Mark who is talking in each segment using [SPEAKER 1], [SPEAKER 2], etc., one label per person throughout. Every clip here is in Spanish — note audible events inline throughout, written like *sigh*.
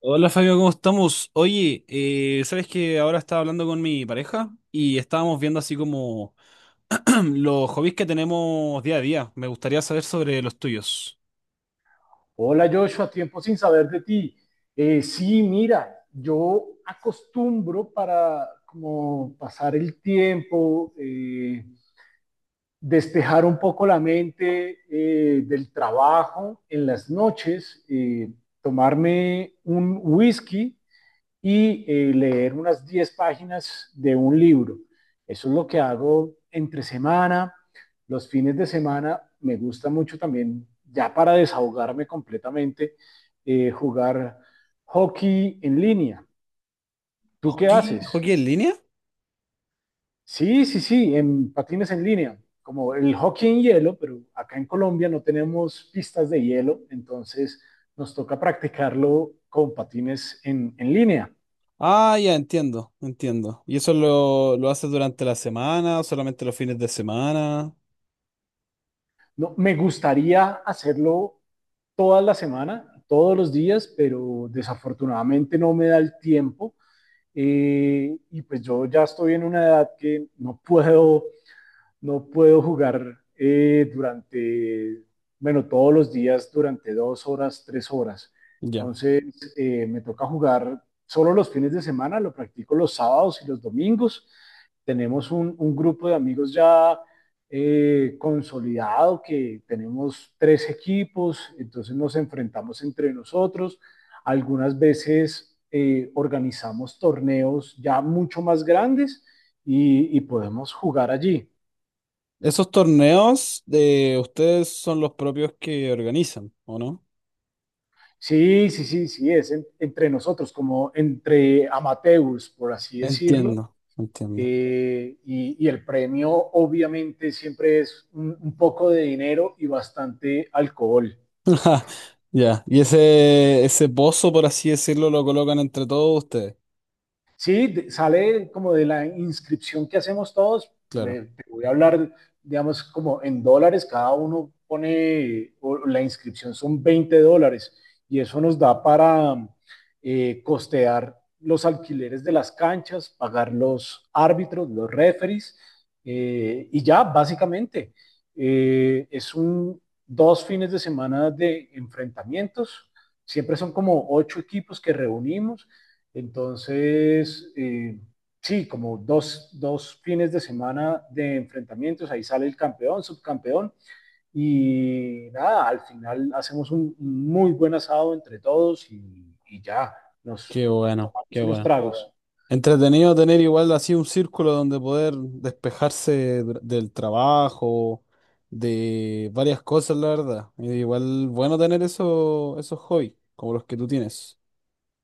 [SPEAKER 1] Hola Fabio, ¿cómo estamos? Oye, ¿sabes que ahora estaba hablando con mi pareja y estábamos viendo así como *clears throat* los hobbies que tenemos día a día? Me gustaría saber sobre los tuyos.
[SPEAKER 2] Hola Joshua, tiempo sin saber de ti. Sí, mira, yo acostumbro para como pasar el tiempo, despejar un poco la mente del trabajo en las noches, tomarme un whisky y leer unas 10 páginas de un libro. Eso es lo que hago entre semana. Los fines de semana me gusta mucho también, ya para desahogarme completamente, jugar hockey en línea. ¿Tú qué
[SPEAKER 1] ¿Hockey?
[SPEAKER 2] haces?
[SPEAKER 1] ¿Hockey en línea?
[SPEAKER 2] Sí, sí, sí, en patines en línea, como el hockey en hielo, pero acá en Colombia no tenemos pistas de hielo, entonces nos toca practicarlo con patines en línea.
[SPEAKER 1] Ah, ya entiendo, entiendo. ¿Y eso lo haces durante la semana, o solamente los fines de semana?
[SPEAKER 2] No, me gustaría hacerlo toda la semana, todos los días, pero desafortunadamente no me da el tiempo. Y pues yo ya estoy en una edad que no puedo jugar durante, bueno, todos los días durante 2 horas, 3 horas.
[SPEAKER 1] Ya.
[SPEAKER 2] Entonces, me toca jugar solo los fines de semana, lo practico los sábados y los domingos. Tenemos un grupo de amigos ya consolidado que tenemos tres equipos, entonces nos enfrentamos entre nosotros. Algunas veces organizamos torneos ya mucho más grandes y podemos jugar allí.
[SPEAKER 1] ¿Esos torneos de ustedes son los propios que organizan, o no?
[SPEAKER 2] Sí, sí, sí, sí, es entre nosotros, como entre amateurs, por así decirlo.
[SPEAKER 1] Entiendo, entiendo.
[SPEAKER 2] Y el premio obviamente siempre es un poco de dinero y bastante alcohol.
[SPEAKER 1] *laughs* Ja, ya. Y ese pozo, por así decirlo, lo colocan entre todos ustedes.
[SPEAKER 2] Sí, sale como de la inscripción que hacemos todos.
[SPEAKER 1] Claro.
[SPEAKER 2] Te voy a hablar, digamos, como en dólares, cada uno pone, o la inscripción son 20 dólares y eso nos da para costear los alquileres de las canchas, pagar los árbitros, los referees y ya, básicamente. Es un 2 fines de semana de enfrentamientos. Siempre son como ocho equipos que reunimos entonces, sí, como fines de semana de enfrentamientos, ahí sale el campeón, subcampeón, y nada, al final hacemos un muy buen asado entre todos y ya, nos
[SPEAKER 1] Qué bueno, qué
[SPEAKER 2] tomamos unos
[SPEAKER 1] bueno.
[SPEAKER 2] tragos.
[SPEAKER 1] Entretenido tener igual así un círculo donde poder despejarse del trabajo, de varias cosas, la verdad. Y igual bueno tener eso, esos hobbies, como los que tú tienes.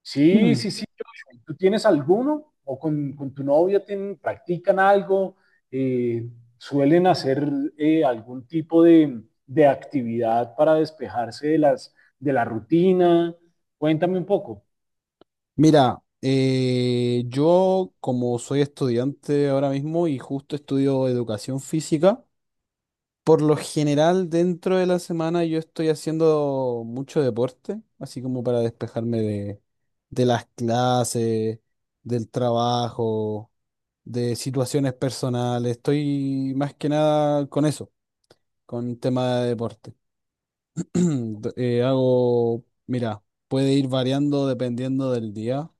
[SPEAKER 2] Sí,
[SPEAKER 1] Mm.
[SPEAKER 2] sí, sí. Joshua. ¿Tú tienes alguno? ¿O con tu novia tienen, practican algo? Eh, ¿Suelen hacer algún tipo de actividad para despejarse de de la rutina? Cuéntame un poco.
[SPEAKER 1] Mira, yo como soy estudiante ahora mismo y justo estudio educación física. Por lo general, dentro de la semana yo estoy haciendo mucho deporte, así como para despejarme de las clases, del trabajo, de situaciones personales. Estoy más que nada con eso, con tema de deporte. *clears throat* Hago, mira, puede ir variando dependiendo del día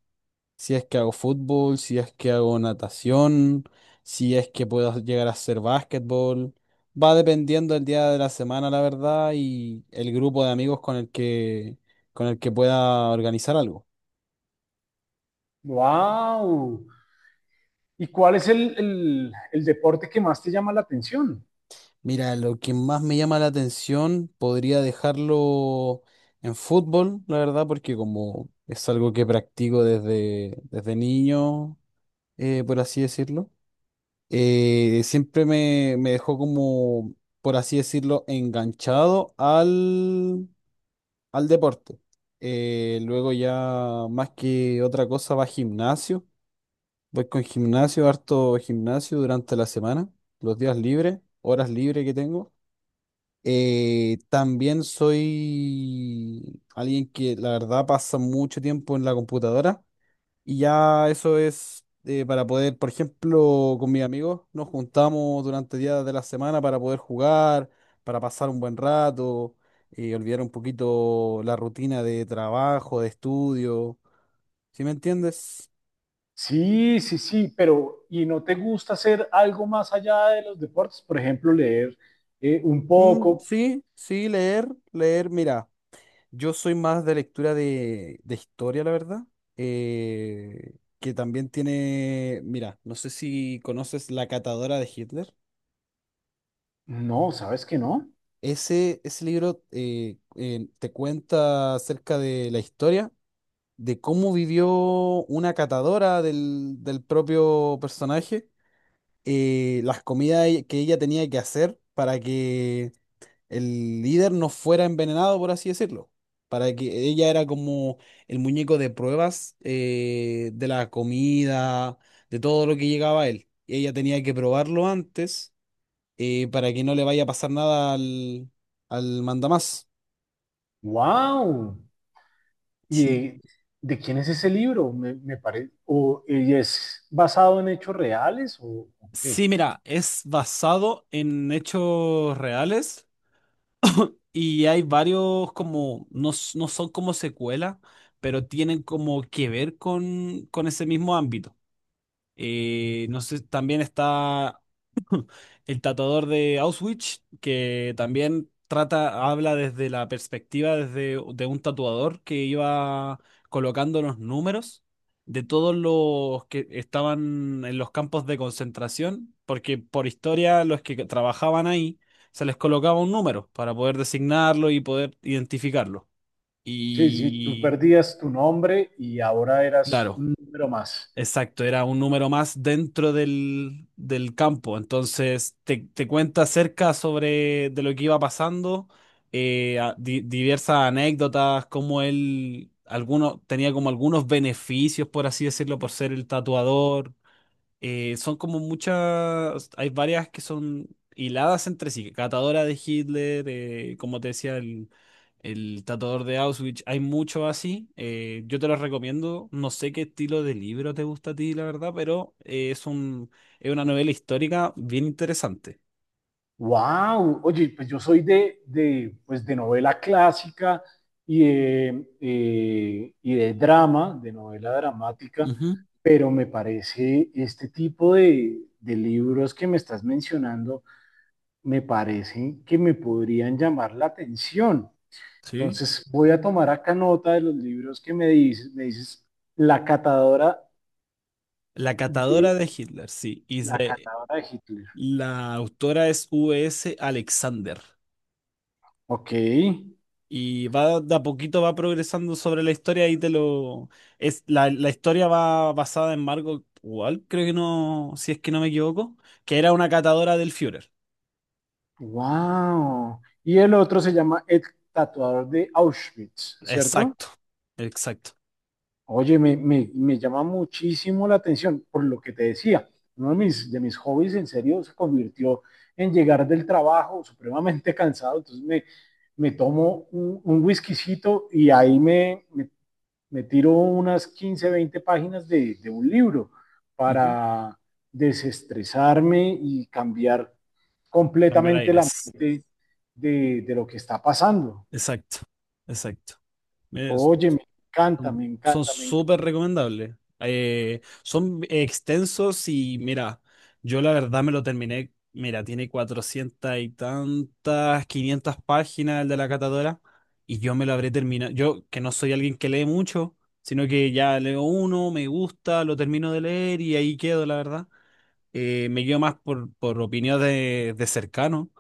[SPEAKER 1] si es que hago fútbol, si es que hago natación, si es que puedo llegar a hacer básquetbol. Va dependiendo el día de la semana, la verdad, y el grupo de amigos con el que pueda organizar algo.
[SPEAKER 2] ¡Wow! ¿Y cuál es el deporte que más te llama la atención?
[SPEAKER 1] Mira, lo que más me llama la atención podría dejarlo en fútbol, la verdad, porque como es algo que practico desde, desde niño, por así decirlo. Siempre me, me dejó como, por así decirlo, enganchado al, al deporte. Luego ya más que otra cosa va gimnasio. Voy con gimnasio, harto gimnasio durante la semana, los días libres, horas libres que tengo. También soy alguien que la verdad pasa mucho tiempo en la computadora. Y ya eso es para poder, por ejemplo, con mis amigos nos juntamos durante días de la semana para poder jugar, para pasar un buen rato, olvidar un poquito la rutina de trabajo, de estudio. ¿Sí me entiendes?
[SPEAKER 2] Sí, sí, sí, pero ¿y no te gusta hacer algo más allá de los deportes? Por ejemplo, leer un
[SPEAKER 1] Mm,
[SPEAKER 2] poco.
[SPEAKER 1] sí, sí, leer, leer. Mira, yo soy más de lectura de historia, la verdad. eh, que también tiene, mira, no sé si conoces La Catadora de Hitler.
[SPEAKER 2] No, ¿sabes que no?
[SPEAKER 1] Ese libro te cuenta acerca de la historia, de cómo vivió una catadora del, del propio personaje, las comidas que ella tenía que hacer para que el líder no fuera envenenado, por así decirlo. Para que ella era como el muñeco de pruebas de la comida, de todo lo que llegaba a él. Y ella tenía que probarlo antes para que no le vaya a pasar nada al, al mandamás.
[SPEAKER 2] ¡Wow!
[SPEAKER 1] Sí.
[SPEAKER 2] ¿Y de quién es ese libro? Me parece, o y es basado en hechos reales o qué?
[SPEAKER 1] Sí, mira, es basado en hechos reales y hay varios como, no, no son como secuela, pero tienen como que ver con ese mismo ámbito. No sé, también está El tatuador de Auschwitz, que también trata, habla desde la perspectiva desde, de un tatuador que iba colocando los números de todos los que estaban en los campos de concentración, porque por historia los que trabajaban ahí se les colocaba un número para poder designarlo y poder identificarlo.
[SPEAKER 2] Sí, sí, tú
[SPEAKER 1] Y
[SPEAKER 2] perdías tu nombre y ahora eras
[SPEAKER 1] claro.
[SPEAKER 2] un número más.
[SPEAKER 1] Exacto, era un número más dentro del, del campo. Entonces te cuenta acerca sobre de lo que iba pasando, diversas anécdotas, como él alguno, tenía como algunos beneficios, por así decirlo, por ser el tatuador. Son como muchas, hay varias que son hiladas entre sí, Catadora de Hitler, como te decía, el tatuador de Auschwitz, hay muchos así, yo te los recomiendo, no sé qué estilo de libro te gusta a ti, la verdad, pero es un, es una novela histórica bien interesante.
[SPEAKER 2] ¡Wow! Oye, pues yo soy pues de novela clásica y de drama, de novela dramática,
[SPEAKER 1] Ujú.
[SPEAKER 2] pero me parece este tipo de libros que me estás mencionando me parece que me podrían llamar la atención.
[SPEAKER 1] Sí.
[SPEAKER 2] Entonces voy a tomar acá nota de los libros que me dices. Me dices La catadora
[SPEAKER 1] La
[SPEAKER 2] de,
[SPEAKER 1] Catadora de Hitler, sí,
[SPEAKER 2] la catadora de Hitler.
[SPEAKER 1] la autora es V.S. Alexander.
[SPEAKER 2] Ok.
[SPEAKER 1] Y va de a poquito va progresando sobre la historia y te lo es la, la historia va basada en Margot Wall, creo que no, si es que no me equivoco, que era una catadora del Führer.
[SPEAKER 2] Wow. Y el otro se llama El tatuador de Auschwitz, ¿cierto?
[SPEAKER 1] Exacto, exacto.
[SPEAKER 2] Oye, me llama muchísimo la atención por lo que te decía. Uno de mis hobbies en serio se convirtió en llegar del trabajo supremamente *laughs* cansado. Entonces me tomo un whiskycito y ahí me tiro unas 15 20 páginas de un libro
[SPEAKER 1] Ujú.
[SPEAKER 2] para desestresarme y cambiar
[SPEAKER 1] Cambiar
[SPEAKER 2] completamente la
[SPEAKER 1] aires.
[SPEAKER 2] mente de lo que está pasando.
[SPEAKER 1] Exacto, exacto. Es-
[SPEAKER 2] Oye, me encanta,
[SPEAKER 1] Son
[SPEAKER 2] me
[SPEAKER 1] son
[SPEAKER 2] encanta. me
[SPEAKER 1] súper recomendables. Son extensos y mira, yo la verdad me lo terminé. Mira, tiene 400 y tantas, 500 páginas el de la catadora y yo me lo habré terminado. Yo, que no soy alguien que lee mucho, sino que ya leo uno, me gusta, lo termino de leer y ahí quedo, la verdad. Me guío más por opinión de cercano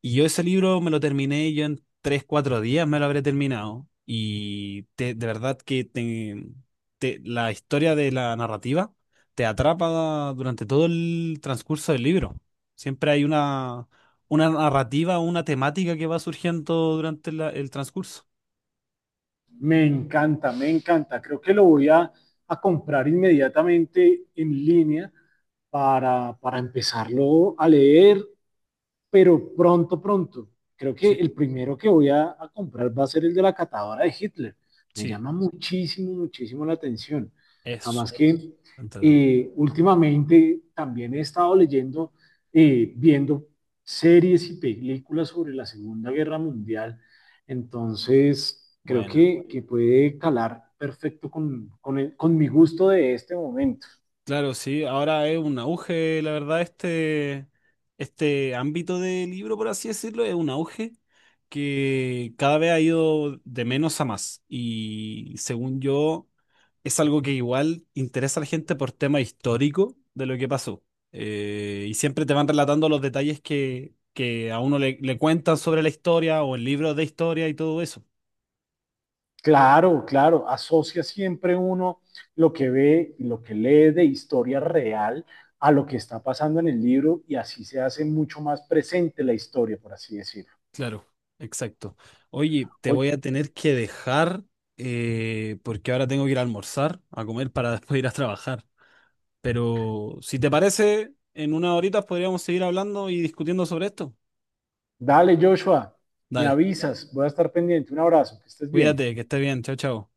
[SPEAKER 1] y yo ese libro me lo terminé, yo en tres, cuatro días me lo habré terminado. Y te- de verdad que te- te- La historia de la narrativa te atrapa durante todo el transcurso del libro. Siempre hay una narrativa, una temática que va surgiendo durante el transcurso.
[SPEAKER 2] Me encanta, me encanta. Creo que lo voy a comprar inmediatamente en línea para empezarlo a leer pero pronto, pronto. Creo que
[SPEAKER 1] Sí,
[SPEAKER 2] el primero que voy a comprar va a ser el de la catadora de Hitler. Me
[SPEAKER 1] sí.
[SPEAKER 2] llama muchísimo, muchísimo la atención.
[SPEAKER 1] Es
[SPEAKER 2] Además
[SPEAKER 1] súper
[SPEAKER 2] que
[SPEAKER 1] entretenido.
[SPEAKER 2] últimamente también he estado leyendo, viendo series y películas sobre la Segunda Guerra Mundial. Entonces, creo
[SPEAKER 1] Buena.
[SPEAKER 2] que puede calar perfecto con con mi gusto de este momento.
[SPEAKER 1] Claro, sí, ahora es un auge, la verdad, este ámbito de libro, por así decirlo, es un auge que cada vez ha ido de menos a más. Y según yo, es algo que igual interesa a la gente por tema histórico de lo que pasó. Y siempre te van relatando los detalles que a uno le, le cuentan sobre la historia o en libros de historia y todo eso.
[SPEAKER 2] Claro, claro, asocia siempre uno lo que ve y lo que lee de historia real a lo que está pasando en el libro y así se hace mucho más presente la historia, por así decirlo.
[SPEAKER 1] Claro, exacto. Oye, te
[SPEAKER 2] Oye,
[SPEAKER 1] voy a tener que dejar porque ahora tengo que ir a almorzar, a comer para *laughs* después ir a trabajar. Pero si te parece, en unas horitas podríamos seguir hablando y discutiendo sobre esto.
[SPEAKER 2] dale, Joshua, me
[SPEAKER 1] Dale,
[SPEAKER 2] avisas, voy a estar pendiente. Un abrazo, que estés bien.
[SPEAKER 1] cuídate, que estés bien. Chao, chao.